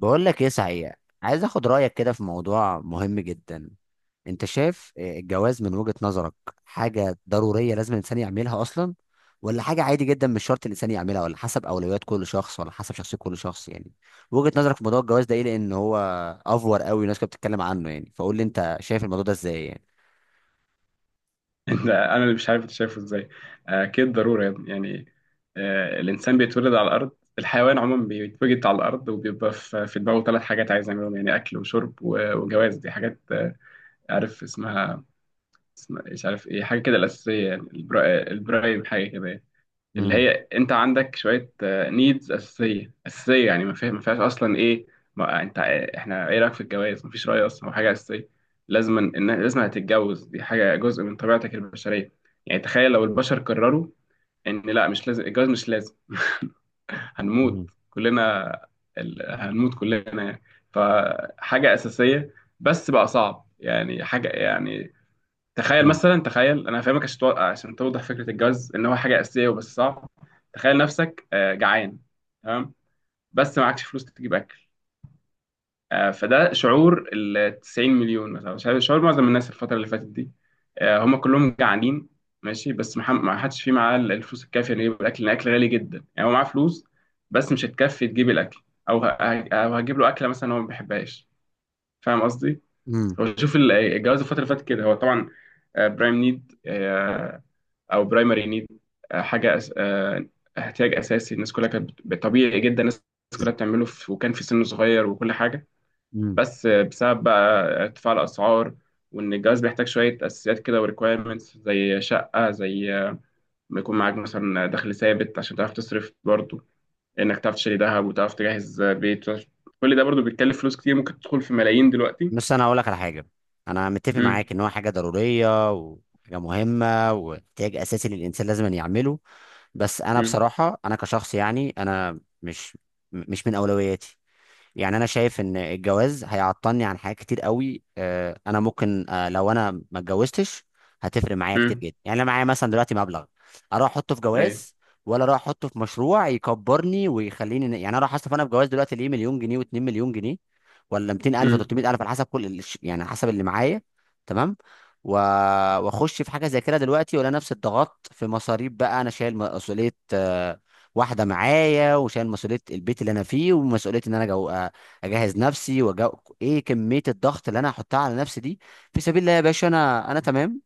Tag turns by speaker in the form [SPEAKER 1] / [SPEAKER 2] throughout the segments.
[SPEAKER 1] بقول لك ايه صحيح. عايز اخد رايك كده في موضوع مهم جدا. انت شايف إيه الجواز من وجهة نظرك؟ حاجه ضروريه لازم الانسان يعملها اصلا، ولا حاجه عادي جدا مش شرط الانسان يعملها، ولا حسب اولويات كل شخص، ولا حسب شخصيه كل شخص يعني؟ وجهة نظرك في موضوع الجواز ده ايه؟ لان هو افور قوي والناس كانت بتتكلم عنه، يعني فقول لي انت شايف الموضوع ده ازاي يعني.
[SPEAKER 2] ده انا اللي مش عارف انت شايفه ازاي؟ اكيد ضروري يا ابني. الانسان بيتولد على الارض. الحيوان عموما بيتوجد على الارض وبيبقى في دماغه ثلاث حاجات عايز يعملهم، يعني اكل وشرب وجواز. دي حاجات، عارف اسمها، اسمها مش عارف ايه، حاجه كده الاساسيه، يعني البرايم، حاجه كده يعني. اللي
[SPEAKER 1] امم
[SPEAKER 2] هي انت عندك شويه نيدز اساسيه اساسيه، يعني ما فيهاش اصلا ايه. ما انت احنا ايه رايك في الجواز؟ ما فيش راي اصلا، هو حاجه اساسيه. لازم هتتجوز، دي حاجه جزء من طبيعتك البشريه. يعني تخيل لو البشر قرروا ان لا، مش لازم الجواز، مش لازم،
[SPEAKER 1] امم
[SPEAKER 2] هنموت كلنا. هنموت كلنا يعني. فحاجه اساسيه، بس بقى صعب، يعني حاجه يعني. تخيل مثلا، تخيل انا هفهمك، عشان توضح فكره الجواز ان هو حاجه اساسيه وبس صعب. تخيل نفسك جعان، تمام؟ بس معكش فلوس تجيب اكل. فده شعور ال 90 مليون مثلا، شعور معظم الناس الفتره اللي فاتت دي، هم كلهم جعانين. ماشي، بس ما حدش فيه معاه الفلوس الكافيه انه يجيب الاكل، لان الاكل غالي جدا. يعني هو معاه فلوس بس مش هتكفي تجيب الاكل. او أو هتجيب له اكله مثلا هو ما بيحبهاش. فاهم قصدي؟
[SPEAKER 1] امم
[SPEAKER 2] هو شوف الجواز الفتره اللي فاتت كده، هو طبعا برايم نيد او برايمري نيد، حاجه أس... آه، احتياج اساسي. الناس كلها كانت طبيعي جدا الناس كلها وكان في سن صغير وكل حاجه.
[SPEAKER 1] امم
[SPEAKER 2] بس بسبب بقى ارتفاع الاسعار، وان الجواز بيحتاج شويه اساسيات كده وريكويرمنتس زي شقه، زي ما يكون معاك مثلا دخل ثابت عشان تعرف تصرف برضه، انك تعرف تشتري ذهب وتعرف تجهز بيت. كل ده برضه بيتكلف فلوس كتير، ممكن تدخل في ملايين دلوقتي.
[SPEAKER 1] بس انا هقول لك على حاجه. انا متفق
[SPEAKER 2] امم.
[SPEAKER 1] معاك ان هو حاجه ضروريه وحاجه مهمه واحتياج اساسي للانسان لازم أن يعمله. بس انا
[SPEAKER 2] امم.
[SPEAKER 1] بصراحه انا كشخص يعني انا مش من اولوياتي. يعني انا شايف ان الجواز هيعطلني عن حاجات كتير قوي، انا ممكن، لو انا ما اتجوزتش هتفرق معايا كتير
[SPEAKER 2] امم.
[SPEAKER 1] جدا. يعني انا معايا مثلا دلوقتي مبلغ، اروح احطه في
[SPEAKER 2] ايوه.
[SPEAKER 1] جواز، ولا اروح احطه في مشروع يكبرني ويخليني يعني انا راح اصرف انا في جواز دلوقتي ليه مليون جنيه و2 مليون جنيه، ولا 200000
[SPEAKER 2] امم.
[SPEAKER 1] و300 الف على حسب يعني على حسب اللي معايا. تمام. و... واخش في حاجه زي كده دلوقتي ولا نفس الضغط في مصاريف بقى؟ انا شايل مسؤوليه واحده معايا، وشايل مسؤوليه البيت اللي انا فيه، ومسؤوليه ان انا جو... آه، اجهز نفسي ايه كميه الضغط اللي انا هحطها على نفسي دي؟ في سبيل الله يا باشا، انا تمام.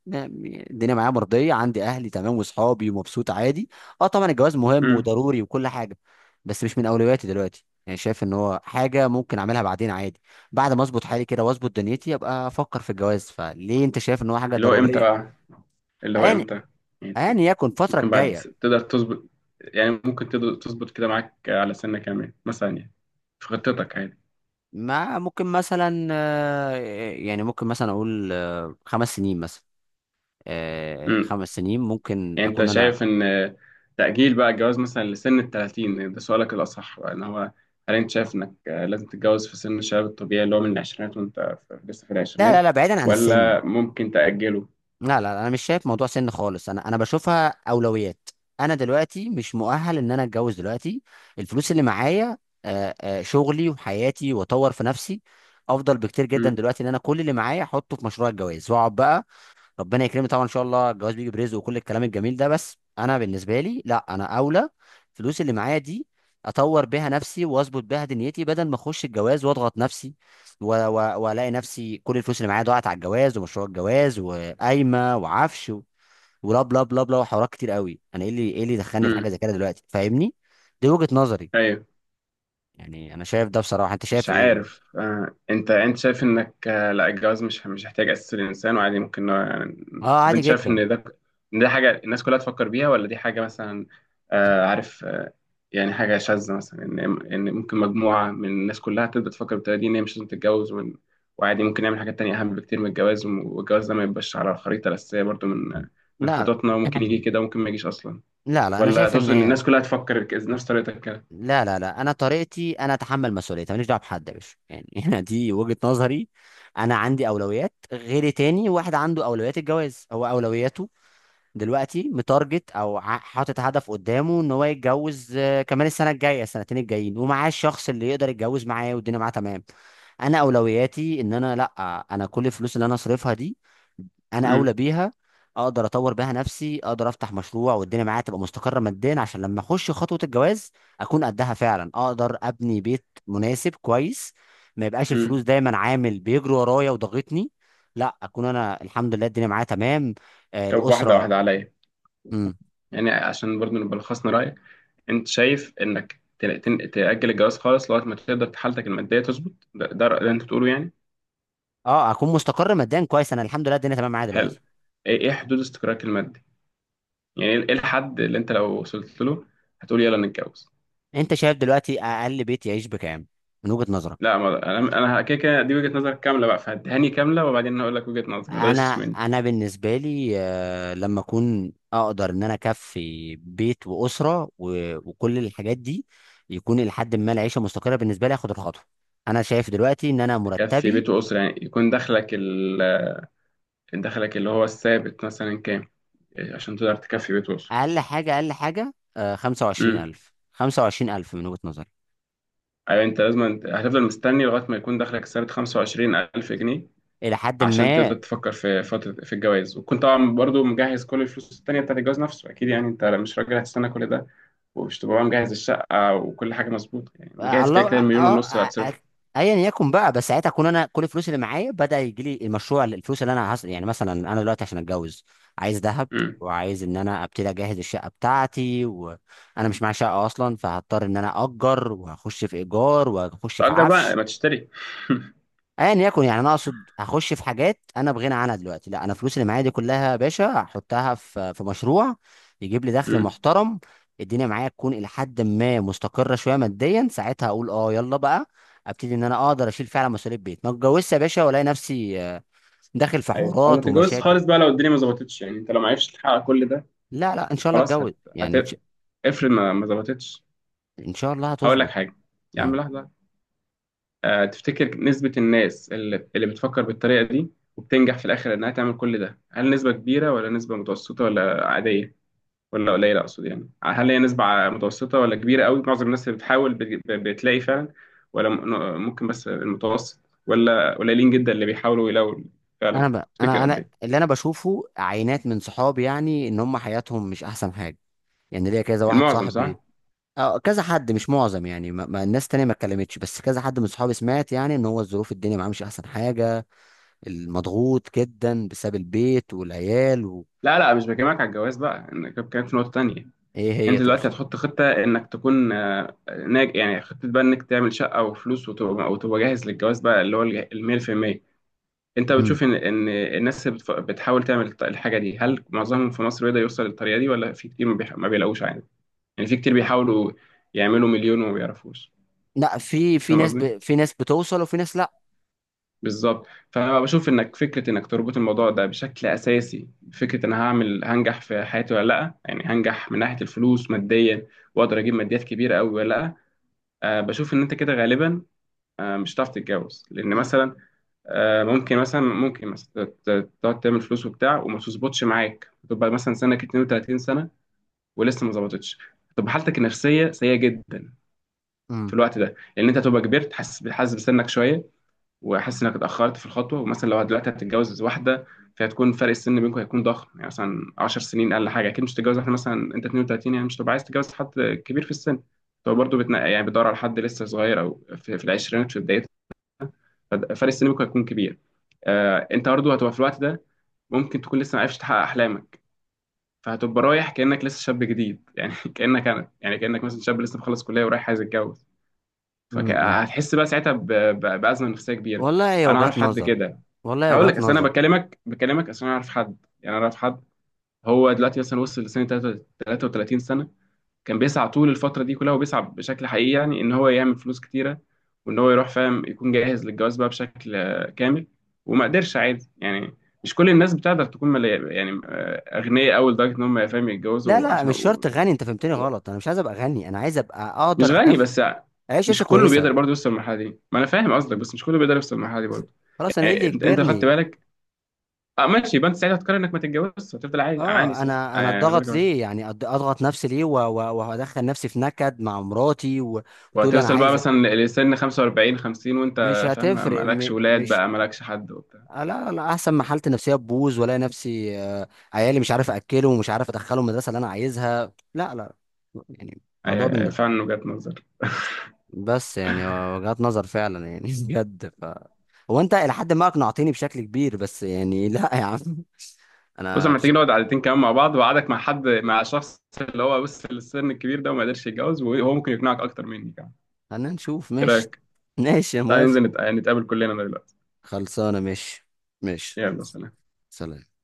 [SPEAKER 1] الدنيا معايا مرضيه، عندي اهلي تمام واصحابي، ومبسوط عادي. اه طبعا الجواز مهم
[SPEAKER 2] امم.
[SPEAKER 1] وضروري وكل حاجه، بس مش من اولوياتي دلوقتي. يعني شايف ان هو حاجه ممكن اعملها بعدين عادي، بعد ما اظبط حالي كده واظبط دنيتي ابقى افكر في الجواز. فليه انت شايف ان هو حاجه
[SPEAKER 2] اللي هو امتى
[SPEAKER 1] ضروريه؟
[SPEAKER 2] بقى، اللي هو
[SPEAKER 1] يعني
[SPEAKER 2] امتى؟ يعني
[SPEAKER 1] يعني يكون الفتره
[SPEAKER 2] ممكن
[SPEAKER 1] الجايه.
[SPEAKER 2] تقدر تظبط، يعني ممكن تقدر تظبط كده معاك على سنة كمان مثلا يعني، في خطتك عادي.
[SPEAKER 1] ما ممكن مثلا، يعني ممكن مثلا اقول خمس سنين مثلا،
[SPEAKER 2] امم.
[SPEAKER 1] خمس سنين ممكن
[SPEAKER 2] يعني انت
[SPEAKER 1] اكون انا.
[SPEAKER 2] شايف ان تأجيل بقى الجواز مثلا لسن ال 30 ده سؤالك الأصح بقى، ان هو هل انت شايف انك لازم تتجوز في سن الشباب الطبيعي اللي هو من العشرينات، وانت لسه في
[SPEAKER 1] لا لا
[SPEAKER 2] العشرينات،
[SPEAKER 1] لا بعيدا عن السن.
[SPEAKER 2] ولا ممكن تأجله؟
[SPEAKER 1] لا لا لا، انا مش شايف موضوع سن خالص، انا بشوفها اولويات. انا دلوقتي مش مؤهل ان انا اتجوز دلوقتي. الفلوس اللي معايا، شغلي وحياتي واطور في نفسي افضل بكتير جدا
[SPEAKER 2] امم.
[SPEAKER 1] دلوقتي ان انا كل اللي معايا احطه في مشروع الجواز واقعد بقى. ربنا يكرمني طبعا ان شاء الله، الجواز بيجي برزق وكل الكلام الجميل ده، بس انا بالنسبه لي لا، انا اولى. الفلوس اللي معايا دي اطور بيها نفسي واظبط بيها دنيتي، بدل ما اخش الجواز واضغط نفسي والاقي نفسي كل الفلوس اللي معايا ضاعت على الجواز ومشروع الجواز وقايمه وعفش ولا بلا بلا بلا وحوارات كتير قوي. انا ايه اللي دخلني في حاجه
[SPEAKER 2] امم.
[SPEAKER 1] زي كده دلوقتي؟ فاهمني. دي وجهه نظري، يعني انا شايف ده بصراحه. انت شايف
[SPEAKER 2] مش
[SPEAKER 1] ايه؟
[SPEAKER 2] عارف. انت شايف انك لا الجواز مش هيحتاج اساس الانسان وعادي ممكن
[SPEAKER 1] اه
[SPEAKER 2] طب
[SPEAKER 1] عادي
[SPEAKER 2] انت شايف
[SPEAKER 1] جدا.
[SPEAKER 2] ان ده، ان ده حاجه الناس كلها تفكر بيها، ولا دي حاجه مثلا عارف يعني حاجه شاذه مثلا ان، ممكن مجموعه من الناس كلها تبدا تفكر بالطريقه دي ان هي مش لازم تتجوز وعادي ممكن نعمل حاجات تانية اهم بكتير من الجواز والجواز ده ما يبقاش على الخريطه الاساسيه برضو من
[SPEAKER 1] لا لا.
[SPEAKER 2] خططنا، وممكن يجي كده وممكن ما يجيش اصلا.
[SPEAKER 1] لا لا، انا
[SPEAKER 2] ولا
[SPEAKER 1] شايف ان
[SPEAKER 2] تقصد ان
[SPEAKER 1] هي.
[SPEAKER 2] الناس كلها تفكر نفس طريقتك كده؟
[SPEAKER 1] لا انا طريقتي انا اتحمل مسؤوليتي، ماليش دعوه بحد يا باشا يعني. انا دي وجهه نظري. انا عندي اولويات، غيري تاني واحد عنده اولويات الجواز هو اولوياته، دلوقتي متارجت او حاطط هدف قدامه ان هو يتجوز كمان السنه الجايه السنتين الجايين، ومعاه الشخص اللي يقدر يتجوز معاه والدنيا معاه تمام. انا اولوياتي ان انا لا، انا كل الفلوس اللي انا اصرفها دي انا اولى
[SPEAKER 2] امم.
[SPEAKER 1] بيها. اقدر اطور بيها نفسي، اقدر افتح مشروع والدنيا معايا تبقى مستقره ماديا، عشان لما اخش خطوه الجواز اكون قدها فعلا، اقدر ابني بيت مناسب كويس، ما يبقاش
[SPEAKER 2] امم.
[SPEAKER 1] الفلوس دايما عامل بيجري ورايا وضاغطني. لا اكون انا الحمد لله الدنيا معايا تمام. آه
[SPEAKER 2] طب واحده
[SPEAKER 1] الاسره.
[SPEAKER 2] واحده عليا،
[SPEAKER 1] امم.
[SPEAKER 2] يعني عشان برضه نبقى لخصنا رأيك. انت شايف انك تأجل الجواز خالص لغاية ما تقدر حالتك المادية تظبط، ده اللي انت بتقوله يعني.
[SPEAKER 1] اه اكون مستقر ماديا كويس، انا الحمد لله الدنيا تمام معايا دلوقتي.
[SPEAKER 2] حلو. ايه، حدود استقرارك المادي، يعني ايه، الحد اللي انت لو وصلت له هتقول يلا نتجوز؟
[SPEAKER 1] انت شايف دلوقتي اقل بيت يعيش بكام من وجهه نظرك؟
[SPEAKER 2] لا، ما انا انا كده كده دي وجهة نظرك كاملة بقى، فهديهاني كاملة وبعدين هقول لك وجهة نظري، ما تغشش
[SPEAKER 1] انا
[SPEAKER 2] مني.
[SPEAKER 1] انا بالنسبه لي لما اكون اقدر ان انا اكفي بيت واسره وكل الحاجات دي، يكون لحد ما العيشه مستقره بالنسبه لي اخد الخطوه. انا شايف دلوقتي ان انا
[SPEAKER 2] تكفي
[SPEAKER 1] مرتبي،
[SPEAKER 2] بيت وأسرة، يعني يكون دخلك دخلك اللي هو الثابت مثلا كام؟ إيه، عشان تقدر تكفي بيت
[SPEAKER 1] اقل حاجه
[SPEAKER 2] وأسرة.
[SPEAKER 1] 25000، 25000 من وجهه نظري،
[SPEAKER 2] ايوه، انت لازم، انت هتفضل مستني لغايه ما يكون دخلك السنه 25,000 جنيه
[SPEAKER 1] الى حد
[SPEAKER 2] عشان تقدر
[SPEAKER 1] ما.
[SPEAKER 2] تفكر في فتره في الجواز، وتكون طبعا برضو مجهز كل الفلوس التانيه بتاعت الجواز نفسه اكيد يعني، انت مش راجل هتستنى كل ده، ومش تبقى مجهز الشقه وكل حاجه مظبوطه، يعني
[SPEAKER 1] آه،
[SPEAKER 2] مجهز
[SPEAKER 1] الله
[SPEAKER 2] كده
[SPEAKER 1] اه
[SPEAKER 2] كده المليون
[SPEAKER 1] آه،
[SPEAKER 2] ونص اللي
[SPEAKER 1] آه، آه،
[SPEAKER 2] هتصرفه.
[SPEAKER 1] ايا يكن بقى، بس ساعتها اكون انا كل الفلوس اللي معايا بدا يجي لي المشروع، الفلوس اللي انا هصرف. يعني مثلا انا دلوقتي عشان اتجوز عايز ذهب،
[SPEAKER 2] امم.
[SPEAKER 1] وعايز ان انا ابتدي اجهز الشقه بتاعتي، وانا مش معايا شقه اصلا فهضطر ان انا اجر، وهخش في ايجار وهخش في
[SPEAKER 2] تأجر بقى
[SPEAKER 1] عفش.
[SPEAKER 2] ما تشتري.
[SPEAKER 1] ايا يكن، يعني انا اقصد هخش في حاجات انا بغنى عنها دلوقتي. لا، انا فلوس اللي معايا دي كلها يا باشا هحطها في مشروع يجيب لي دخل
[SPEAKER 2] امم.
[SPEAKER 1] محترم، الدنيا معايا تكون الى حد ما مستقره شويه ماديا. ساعتها اقول اه يلا بقى، ابتدي ان انا اقدر اشيل فعلا مسؤوليه بيت. ما اتجوزش يا باشا والاقي نفسي داخل في
[SPEAKER 2] ايوه، او ما
[SPEAKER 1] حوارات
[SPEAKER 2] تتجوزش
[SPEAKER 1] ومشاكل.
[SPEAKER 2] خالص بقى لو الدنيا ما ظبطتش، يعني انت لو ما عرفتش تحقق كل ده.
[SPEAKER 1] لا لا، ان شاء الله
[SPEAKER 2] خلاص
[SPEAKER 1] اتجوز يعني ان
[SPEAKER 2] هت...
[SPEAKER 1] شاء،
[SPEAKER 2] افرض ما ظبطتش.
[SPEAKER 1] إن شاء الله
[SPEAKER 2] هقول لك
[SPEAKER 1] هتظبط.
[SPEAKER 2] حاجه. يا عم
[SPEAKER 1] مم.
[SPEAKER 2] لحظه. تفتكر نسبة الناس اللي بتفكر بالطريقة دي وبتنجح في الآخر إنها تعمل كل ده، هل نسبة كبيرة ولا نسبة متوسطة ولا عادية ولا قليلة؟ أقصد يعني هل هي نسبة متوسطة ولا كبيرة قوي؟ معظم الناس اللي بتحاول بتلاقي فعلا، ولا ممكن بس المتوسط، ولا قليلين جدا اللي بيحاولوا يلاقوا
[SPEAKER 1] انا
[SPEAKER 2] فعلا؟
[SPEAKER 1] بقى،
[SPEAKER 2] تفتكر
[SPEAKER 1] انا
[SPEAKER 2] قد
[SPEAKER 1] انا
[SPEAKER 2] إيه؟
[SPEAKER 1] اللي انا بشوفه عينات من صحابي يعني ان هم حياتهم مش احسن حاجه. يعني ليا كذا واحد
[SPEAKER 2] المعظم صح؟
[SPEAKER 1] صاحبي. اه كذا حد مش معظم، يعني الناس تانية ما اتكلمتش، بس كذا حد من صحابي سمعت يعني ان هو الظروف الدنيا معاه مش احسن حاجة، المضغوط جدا بسبب البيت والعيال
[SPEAKER 2] لا لا، مش بكلمك على الجواز بقى، أنا كنت بكلمك في نقطة تانية.
[SPEAKER 1] ايه
[SPEAKER 2] انت
[SPEAKER 1] هي
[SPEAKER 2] دلوقتي
[SPEAKER 1] تقصد؟
[SPEAKER 2] هتحط خطه انك تكون ناج، يعني خطه بقى انك تعمل شقه وفلوس وتبقى، وتبقى جاهز للجواز بقى اللي هو ال 100%. انت
[SPEAKER 1] امم.
[SPEAKER 2] بتشوف ان ان الناس بتحاول تعمل الحاجه دي هل معظمهم في مصر بيقدر يوصل للطريقه دي، ولا في كتير ما بيلاقوش عادي؟ يعني في كتير بيحاولوا يعملوا مليون وما بيعرفوش.
[SPEAKER 1] لا في في
[SPEAKER 2] فاهم
[SPEAKER 1] ناس
[SPEAKER 2] قصدي؟
[SPEAKER 1] في ناس بتوصل وفي ناس لا.
[SPEAKER 2] بالظبط. فانا بشوف انك فكره انك تربط الموضوع ده بشكل اساسي فكره انا هعمل، هنجح في حياتي ولا لا، يعني هنجح من ناحيه الفلوس ماديا، واقدر اجيب ماديات كبيره قوي ولا لا. بشوف ان انت كده غالبا مش هتعرف تتجوز، لان مثلا ممكن مثلا تقعد تعمل فلوس وبتاع وما تظبطش معاك، تبقى مثلا سنك 32 سنه ولسه ما ظبطتش، تبقى حالتك النفسيه سيئه جدا في
[SPEAKER 1] امم.
[SPEAKER 2] الوقت ده، لان انت تبقى كبرت، حاسس بسنك شويه، واحس انك اتاخرت في الخطوه، ومثلا لو دلوقتي هتتجوز واحده فهتكون فرق السن بينكم هيكون ضخم، يعني مثلا 10 سنين اقل حاجه، اكيد مش هتتجوز واحده مثلا انت 32، يعني مش هتبقى عايز تتجوز حد كبير في السن، فهو برضه بتنقى يعني بيدور على حد لسه صغير او في العشرينات في بدايته، ففرق السن بينكم هيكون كبير. آه، انت برضه هتبقى في الوقت ده ممكن تكون لسه ما عرفتش تحقق احلامك، فهتبقى رايح كانك لسه شاب جديد. يعني كانك انا، يعني كانك مثلا شاب لسه مخلص كليه ورايح عايز يتجوز،
[SPEAKER 1] امم.
[SPEAKER 2] فهتحس بقى ساعتها بازمه نفسيه كبيره.
[SPEAKER 1] والله هي
[SPEAKER 2] انا اعرف
[SPEAKER 1] وجهات
[SPEAKER 2] حد
[SPEAKER 1] نظر.
[SPEAKER 2] كده.
[SPEAKER 1] والله هي
[SPEAKER 2] هقول لك
[SPEAKER 1] وجهات
[SPEAKER 2] اصل انا
[SPEAKER 1] نظر.
[SPEAKER 2] بكلمك عشان اعرف حد، يعني اعرف حد. هو دلوقتي مثلا وصل 33 سنه، كان بيسعى طول الفتره دي كلها وبيسعى بشكل حقيقي يعني ان هو يعمل فلوس كتيره، وان هو يروح فاهم يكون جاهز للجواز بقى بشكل كامل، وما قدرش عادي يعني. مش كل الناس بتقدر تكون يعني اغنياء قوي لدرجه ان هم فاهم
[SPEAKER 1] لا
[SPEAKER 2] يتجوزوا
[SPEAKER 1] لا
[SPEAKER 2] عشان.
[SPEAKER 1] مش شرط غني، انت فهمتني غلط، انا مش عايز ابقى غني، انا عايز ابقى
[SPEAKER 2] مش
[SPEAKER 1] اقدر
[SPEAKER 2] غني
[SPEAKER 1] اكف،
[SPEAKER 2] بس،
[SPEAKER 1] اعيش
[SPEAKER 2] مش
[SPEAKER 1] عيشة
[SPEAKER 2] كله بيقدر
[SPEAKER 1] كويسة.
[SPEAKER 2] برضه يوصل للمرحله دي، ما انا فاهم قصدك، بس مش كله بيقدر يوصل للمرحله دي برضه.
[SPEAKER 1] خلاص انا ايه
[SPEAKER 2] يعني
[SPEAKER 1] اللي
[SPEAKER 2] انت، خدت
[SPEAKER 1] يجبرني؟
[SPEAKER 2] بالك؟ اه ماشي، يبقى انت ساعتها هتقرر انك ما تتجوزش وتفضل عايش
[SPEAKER 1] اه
[SPEAKER 2] عانس يعني،
[SPEAKER 1] انا
[SPEAKER 2] آه
[SPEAKER 1] انا
[SPEAKER 2] يعني من غير
[SPEAKER 1] اتضغط
[SPEAKER 2] جواز.
[SPEAKER 1] ليه يعني؟ اضغط نفسي ليه وهدخل نفسي في نكد مع مراتي وتقولي انا
[SPEAKER 2] وهتوصل بقى
[SPEAKER 1] عايزه؟
[SPEAKER 2] مثلا لسن 45 50
[SPEAKER 1] مش
[SPEAKER 2] وانت فاهم
[SPEAKER 1] هتفرق
[SPEAKER 2] مالكش
[SPEAKER 1] م...
[SPEAKER 2] ولاد
[SPEAKER 1] مش،
[SPEAKER 2] بقى، مالكش حد وبتاع.
[SPEAKER 1] آه لا انا احسن ما حالتي النفسيه تبوظ والاقي نفسي عيالي مش عارف اكله، ومش عارف ادخله المدرسه اللي انا عايزها. لا لا. يعني موضوع
[SPEAKER 2] آه،
[SPEAKER 1] بن...
[SPEAKER 2] فعلا وجهة نظر.
[SPEAKER 1] بس يعني وجهات نظر فعلا يعني. بجد ف، هو انت الى حد ما اقنعتني بشكل كبير، بس يعني. لا يا عم.
[SPEAKER 2] بص
[SPEAKER 1] انا
[SPEAKER 2] احنا
[SPEAKER 1] بس.
[SPEAKER 2] محتاجين نقعد قعدتين كمان مع بعض، وقعدك مع حد، مع شخص اللي هو بص في السن الكبير ده وما قدرش يتجوز، وهو ممكن يقنعك اكتر مني كمان.
[SPEAKER 1] خلينا نشوف
[SPEAKER 2] ايه
[SPEAKER 1] ماشي.
[SPEAKER 2] رايك؟
[SPEAKER 1] ماشي يا
[SPEAKER 2] تعالى
[SPEAKER 1] موافق.
[SPEAKER 2] ننزل نتقابل كلنا دلوقتي.
[SPEAKER 1] خلصانة ماشي. ماشي.
[SPEAKER 2] يلا سلام.
[SPEAKER 1] سلام.